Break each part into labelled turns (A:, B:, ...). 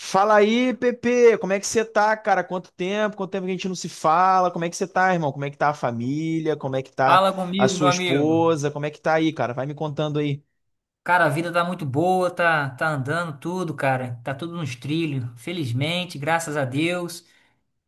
A: Fala aí, Pepe, como é que você tá, cara? Quanto tempo? Quanto tempo que a gente não se fala? Como é que você tá, irmão? Como é que tá a família? Como é que tá
B: Fala
A: a
B: comigo,
A: sua
B: meu amigo.
A: esposa? Como é que tá aí, cara? Vai me contando aí.
B: Cara, a vida tá muito boa, tá, tá andando tudo, cara. Tá tudo nos trilhos. Felizmente, graças a Deus.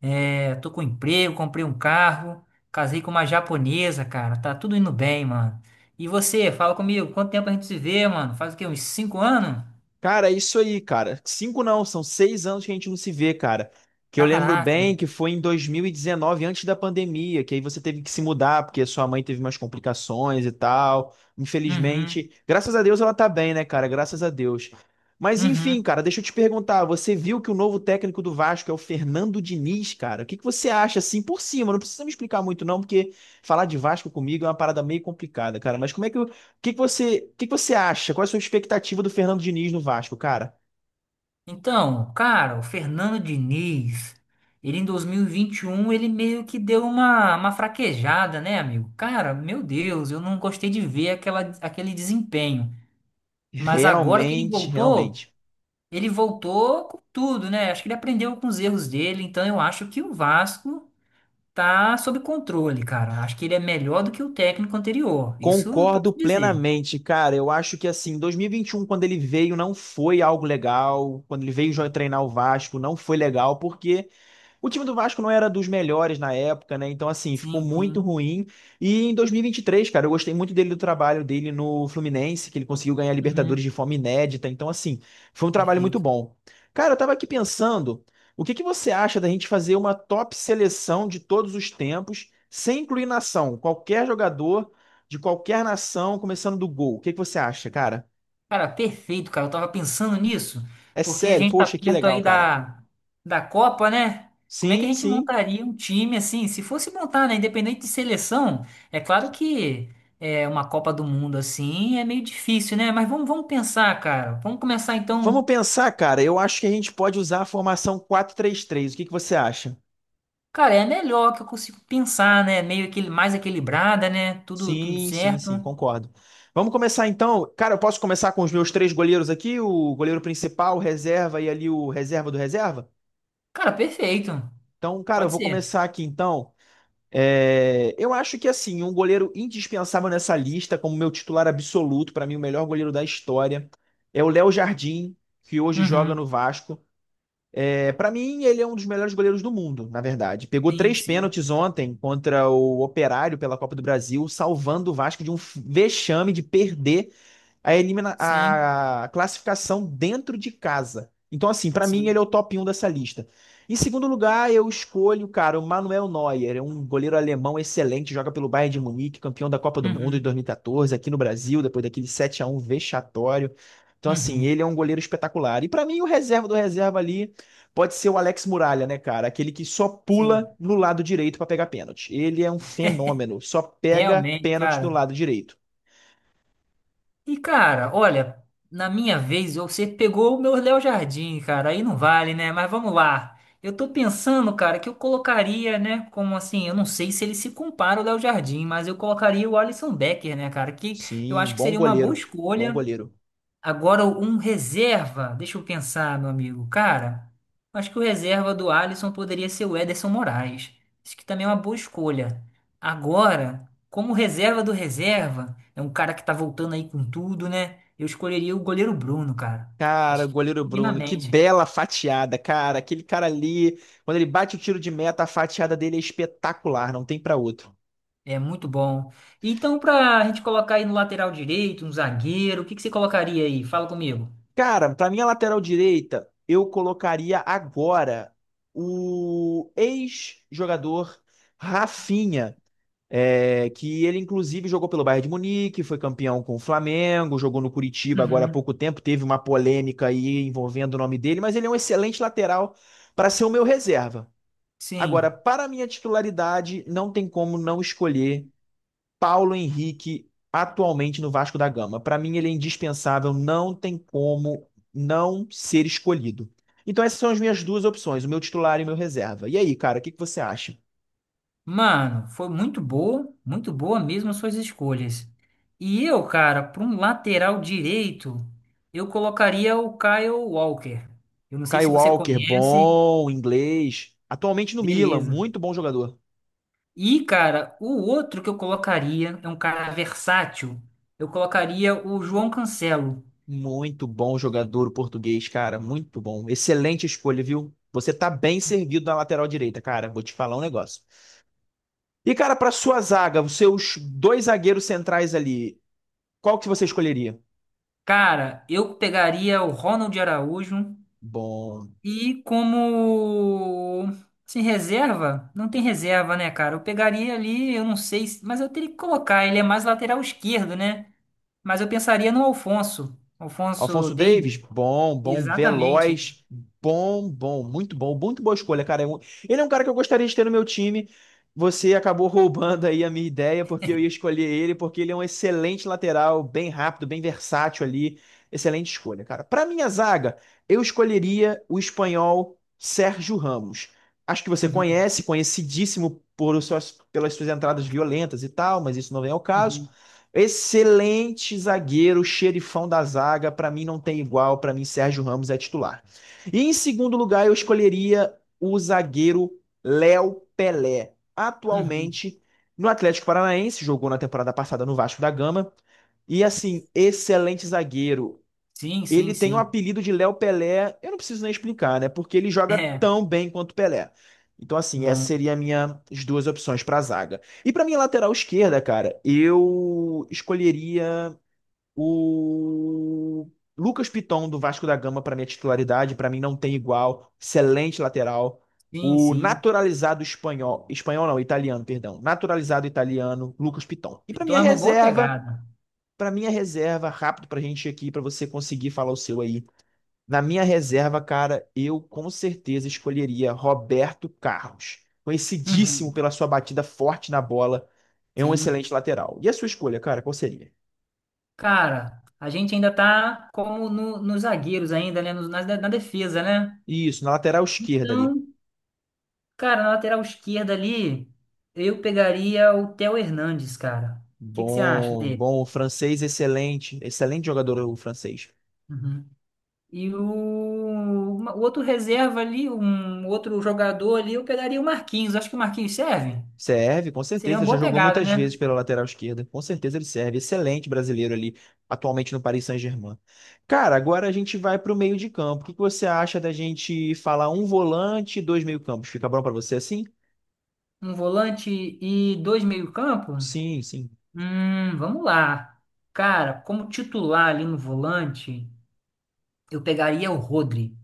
B: É, tô com emprego, comprei um carro, casei com uma japonesa, cara. Tá tudo indo bem, mano. E você, fala comigo, quanto tempo a gente se vê, mano? Faz o quê? Uns 5 anos?
A: Cara, é isso aí, cara. Cinco não, são 6 anos que a gente não se vê, cara. Que eu lembro
B: Caraca.
A: bem que foi em 2019, antes da pandemia, que aí você teve que se mudar porque sua mãe teve umas complicações e tal.
B: Uhum,
A: Infelizmente, graças a Deus ela tá bem, né, cara? Graças a Deus. Mas enfim,
B: uhum.
A: cara, deixa eu te perguntar, você viu que o novo técnico do Vasco é o Fernando Diniz, cara? O que que você acha assim por cima? Não precisa me explicar muito não, porque falar de Vasco comigo é uma parada meio complicada, cara. Mas como é que que você, que você acha? Qual é a sua expectativa do Fernando Diniz no Vasco, cara?
B: Então, cara, o Fernando Diniz, ele em dois mil e vinte e um, ele meio que deu uma fraquejada, né, amigo? Cara, meu Deus, eu não gostei de ver aquela, aquele desempenho. Mas agora que
A: Realmente, realmente.
B: ele voltou com tudo, né? Acho que ele aprendeu com os erros dele, então eu acho que o Vasco tá sob controle, cara. Acho que ele é melhor do que o técnico anterior. Isso eu posso
A: Concordo
B: dizer.
A: plenamente, cara. Eu acho que assim, dois mil e vinte e um, quando ele veio, não foi algo legal. Quando ele veio já treinar o Vasco, não foi legal, porque o time do Vasco não era dos melhores na época, né? Então, assim, ficou
B: Sim,
A: muito
B: sim.
A: ruim. E em 2023, cara, eu gostei muito dele do trabalho dele no Fluminense, que ele conseguiu ganhar a Libertadores
B: Uhum,
A: de forma inédita. Então, assim, foi um trabalho muito
B: perfeito.
A: bom. Cara, eu tava aqui pensando, o que que você acha da gente fazer uma top seleção de todos os tempos, sem incluir nação? Qualquer jogador de qualquer nação, começando do gol. O que que você acha, cara?
B: Cara, perfeito, cara. Eu tava pensando nisso,
A: É
B: porque a
A: sério,
B: gente tá
A: poxa, que
B: perto
A: legal,
B: aí
A: cara.
B: da Copa, né? Como é que a
A: Sim,
B: gente
A: sim.
B: montaria um time assim? Se fosse montar, né? Independente de seleção, é claro que é uma Copa do Mundo assim é meio difícil, né? Mas vamos, vamos pensar, cara. Vamos começar
A: Vamos
B: então.
A: pensar, cara. Eu acho que a gente pode usar a formação 4-3-3. O que que você acha?
B: Cara, é a melhor que eu consigo pensar, né? Meio aquele, mais equilibrada, né? Tudo, tudo
A: Sim, sim, sim,
B: certo.
A: concordo. Vamos começar então. Cara, eu posso começar com os meus três goleiros aqui, o goleiro principal, o reserva e ali o reserva do reserva?
B: Cara, perfeito.
A: Então, cara, eu
B: Pode
A: vou
B: ser.
A: começar aqui então. É, eu acho que assim, um goleiro indispensável nessa lista, como meu titular absoluto, para mim o melhor goleiro da história, é o Léo Jardim, que hoje joga no
B: Uhum.
A: Vasco. É, para mim, ele é um dos melhores goleiros do mundo, na verdade. Pegou
B: Sim,
A: três
B: sim.
A: pênaltis ontem contra o Operário pela Copa do Brasil, salvando o Vasco de um vexame de perder a, elimina
B: Sim,
A: a classificação dentro de casa. Então, assim, pra mim
B: sim.
A: ele é o top 1 dessa lista. Em segundo lugar, eu escolho, cara, o Manuel Neuer, é um goleiro alemão excelente, joga pelo Bayern de Munique, campeão da Copa do Mundo em
B: Uhum.
A: 2014, aqui no Brasil, depois daquele 7-1 vexatório. Então, assim,
B: Uhum.
A: ele é um goleiro espetacular. E pra mim, o reserva do reserva ali pode ser o Alex Muralha, né, cara? Aquele que só pula
B: Sim.
A: no lado direito pra pegar pênalti. Ele é um fenômeno, só pega
B: Realmente,
A: pênalti do
B: cara.
A: lado direito.
B: E, cara, olha, na minha vez, você pegou o meu Léo Jardim, cara. Aí não vale, né? Mas vamos lá. Eu tô pensando, cara, que eu colocaria, né? Como assim? Eu não sei se ele se compara ao Léo Jardim, mas eu colocaria o Alisson Becker, né, cara? Que eu
A: Sim,
B: acho que
A: bom
B: seria uma boa
A: goleiro. Bom
B: escolha.
A: goleiro.
B: Agora, um reserva, deixa eu pensar, meu amigo. Cara, acho que o reserva do Alisson poderia ser o Ederson Moraes. Isso que também é uma boa escolha. Agora, como reserva do reserva, é um cara que tá voltando aí com tudo, né? Eu escolheria o goleiro Bruno, cara.
A: Cara, o
B: Acho que
A: goleiro Bruno, que
B: minimamente.
A: bela fatiada, cara. Aquele cara ali, quando ele bate o tiro de meta, a fatiada dele é espetacular, não tem pra outro.
B: É muito bom. Então, pra gente colocar aí no lateral direito, um zagueiro, o que que você colocaria aí? Fala comigo.
A: Cara, pra minha lateral direita, eu colocaria agora o ex-jogador Rafinha. É, que ele, inclusive, jogou pelo Bayern de Munique, foi campeão com o Flamengo, jogou no Curitiba agora há
B: Uhum.
A: pouco tempo, teve uma polêmica aí envolvendo o nome dele, mas ele é um excelente lateral para ser o meu reserva.
B: Sim.
A: Agora, para a minha titularidade, não tem como não escolher Paulo Henrique atualmente no Vasco da Gama. Para mim, ele é indispensável, não tem como não ser escolhido. Então, essas são as minhas duas opções, o meu titular e o meu reserva. E aí, cara, o que que você acha?
B: Mano, foi muito boa mesmo as suas escolhas. E eu, cara, para um lateral direito, eu colocaria o Kyle Walker. Eu não sei
A: Kyle
B: se você
A: Walker,
B: conhece,
A: bom, inglês. Atualmente no Milan,
B: beleza.
A: muito bom jogador.
B: E, cara, o outro que eu colocaria é um cara versátil. Eu colocaria o João Cancelo.
A: Muito bom jogador o português, cara. Muito bom. Excelente escolha, viu? Você tá bem servido na lateral direita, cara. Vou te falar um negócio. E, cara, pra sua zaga, os seus dois zagueiros centrais ali, qual que você escolheria?
B: Cara, eu pegaria o Ronald Araújo.
A: Bom,
B: E como assim, reserva, não tem reserva, né, cara? Eu pegaria ali, eu não sei, se- mas eu teria que colocar, ele é mais lateral esquerdo, né? Mas eu pensaria no Alfonso
A: Alfonso
B: Davies.
A: Davis, bom, bom,
B: Exatamente.
A: veloz, bom, bom, muito boa escolha, cara. É um- Ele é um cara que eu gostaria de ter no meu time. Você acabou roubando aí a minha ideia, porque eu ia escolher ele, porque ele é um excelente lateral, bem rápido, bem versátil ali. Excelente escolha, cara. Para minha zaga, eu escolheria o espanhol Sérgio Ramos. Acho que você
B: Uhum,
A: conhece, conhecidíssimo por suas, pelas suas entradas violentas e tal, mas isso não vem ao caso.
B: uhum,
A: Excelente zagueiro, xerifão da zaga, para mim não tem igual, para mim Sérgio Ramos é titular. E em segundo lugar, eu escolheria o zagueiro Léo Pelé.
B: uhum.
A: Atualmente no Atlético Paranaense, jogou na temporada passada no Vasco da Gama. E assim, excelente zagueiro.
B: Sim, sim,
A: Ele tem o
B: sim.
A: apelido de Léo Pelé, eu não preciso nem explicar, né? Porque ele joga
B: É,
A: tão bem quanto Pelé. Então, assim, essa
B: bom.
A: seria a minha as duas opções para zaga. E para minha lateral esquerda, cara, eu escolheria o Lucas Piton do Vasco da Gama para minha titularidade, para mim não tem igual, excelente lateral.
B: Sim,
A: O
B: sim.
A: naturalizado espanhol, espanhol não, italiano, perdão, naturalizado italiano, Lucas Piton. E para
B: Então
A: minha
B: é uma boa
A: reserva,
B: pegada.
A: para minha reserva, rápido pra gente aqui, para você conseguir falar o seu aí. Na minha reserva, cara, eu com certeza escolheria Roberto Carlos, conhecidíssimo
B: Uhum,
A: pela sua batida forte na bola, é um
B: sim.
A: excelente lateral. E a sua escolha, cara, qual seria?
B: Cara, a gente ainda tá como no, nos zagueiros ainda, né? Nos- na defesa, né?
A: Isso, na lateral esquerda ali.
B: Então, cara, na lateral esquerda ali, eu pegaria o Theo Hernandes, cara. O que que você acha
A: Bom,
B: dele?
A: bom, o francês excelente, excelente jogador o francês.
B: Uhum. E o, uma- o outro reserva ali, um outro jogador ali, eu pegaria o Marquinhos. Acho que o Marquinhos serve.
A: Serve, com
B: Seria
A: certeza.
B: uma
A: Já
B: boa
A: jogou
B: pegada,
A: muitas vezes
B: né?
A: pela lateral esquerda. Com certeza ele serve. Excelente brasileiro ali, atualmente no Paris Saint-Germain. Cara, agora a gente vai para o meio de campo. O que que você acha da gente falar um volante e dois meio-campos? Fica bom para você assim?
B: Um volante e dois meio-campo?
A: Sim, sim.
B: Vamos lá. Cara, como titular ali no volante, eu pegaria o Rodri.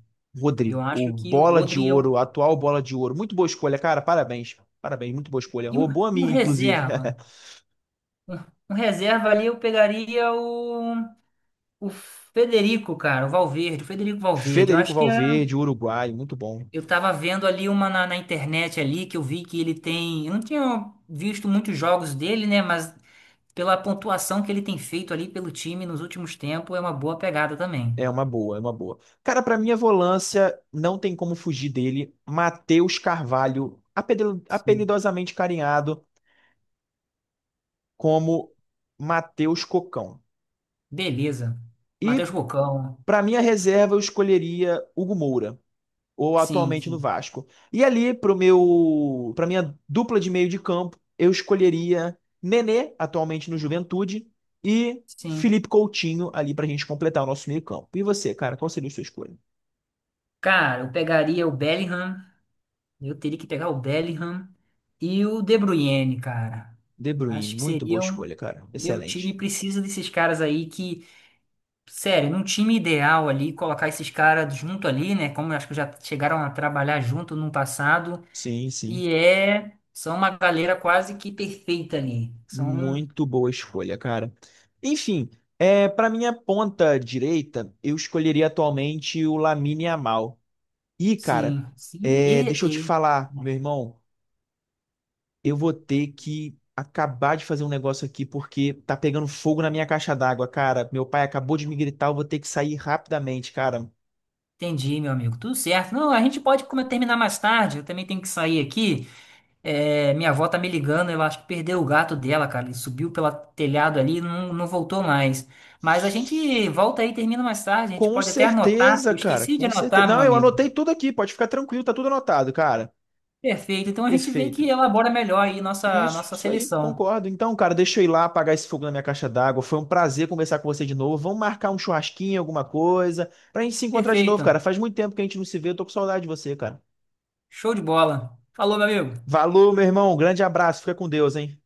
B: Eu
A: Rodrigo, o
B: acho que o
A: bola de
B: Rodri é o.
A: ouro, atual bola de ouro. Muito boa escolha, cara. Parabéns. Parabéns, muito boa escolha. Roubou a
B: E um
A: minha, inclusive.
B: reserva. Um reserva ali eu pegaria o. O Federico, cara, o Valverde, o Federico Valverde, eu
A: Federico
B: acho que é-
A: Valverde, uruguaio, muito bom.
B: eu tava vendo ali uma na internet ali que eu vi que ele tem. Eu não tinha visto muitos jogos dele, né? Mas pela pontuação que ele tem feito ali pelo time nos últimos tempos, é uma boa pegada também.
A: É uma boa, é uma boa. Cara, pra mim a volância, não tem como fugir dele. Matheus Carvalho,
B: Sim.
A: apelidosamente carinhado como Matheus Cocão.
B: Beleza.
A: E
B: Matheus Cocão.
A: pra minha reserva, eu escolheria Hugo Moura, ou
B: Sim,
A: atualmente no
B: sim.
A: Vasco. E ali, para minha dupla de meio de campo, eu escolheria Nenê, atualmente no Juventude, e
B: Sim.
A: Felipe Coutinho, ali pra gente completar o nosso meio campo. E você, cara, qual seria a sua escolha?
B: Cara, eu pegaria o Bellingham. Eu teria que pegar o Bellingham e o De Bruyne, cara.
A: De Bruyne,
B: Acho que
A: muito boa
B: seriam.
A: escolha, cara.
B: Meu time
A: Excelente.
B: precisa desses caras aí que sério, num time ideal ali, colocar esses caras junto ali, né? Como eu acho que já chegaram a trabalhar junto no passado.
A: Sim, sim.
B: E é. São uma galera quase que perfeita ali. São.
A: Muito boa escolha, cara. Enfim, é, para minha ponta direita, eu escolheria atualmente o Lamine Yamal. E, cara,
B: Sim. Sim
A: é, deixa eu te
B: e.
A: falar, meu irmão, eu vou ter que acabar de fazer um negócio aqui porque tá pegando fogo na minha caixa d'água, cara. Meu pai acabou de me gritar, eu vou ter que sair rapidamente, cara.
B: Entendi, meu amigo. Tudo certo. Não, a gente pode como, terminar mais tarde. Eu também tenho que sair aqui. É, minha avó tá me ligando. Eu acho que perdeu o gato dela, cara. Ele subiu pelo telhado ali e não, não voltou mais. Mas a gente volta aí e termina mais tarde. A gente
A: Com
B: pode até anotar.
A: certeza,
B: Eu
A: cara,
B: esqueci de
A: com certeza.
B: anotar, meu
A: Não, eu
B: amigo.
A: anotei tudo aqui, pode ficar tranquilo, tá tudo anotado, cara.
B: Perfeito. Então a gente vê que
A: Perfeito.
B: elabora melhor aí
A: Isso,
B: nossa
A: isso aí,
B: seleção.
A: concordo. Então, cara, deixa eu ir lá apagar esse fogo na minha caixa d'água. Foi um prazer conversar com você de novo. Vamos marcar um churrasquinho, alguma coisa, pra gente se encontrar de novo,
B: Perfeito.
A: cara. Faz muito tempo que a gente não se vê, eu tô com saudade de você, cara.
B: Show de bola. Falou, meu amigo.
A: Valeu, meu irmão. Grande abraço. Fica com Deus, hein?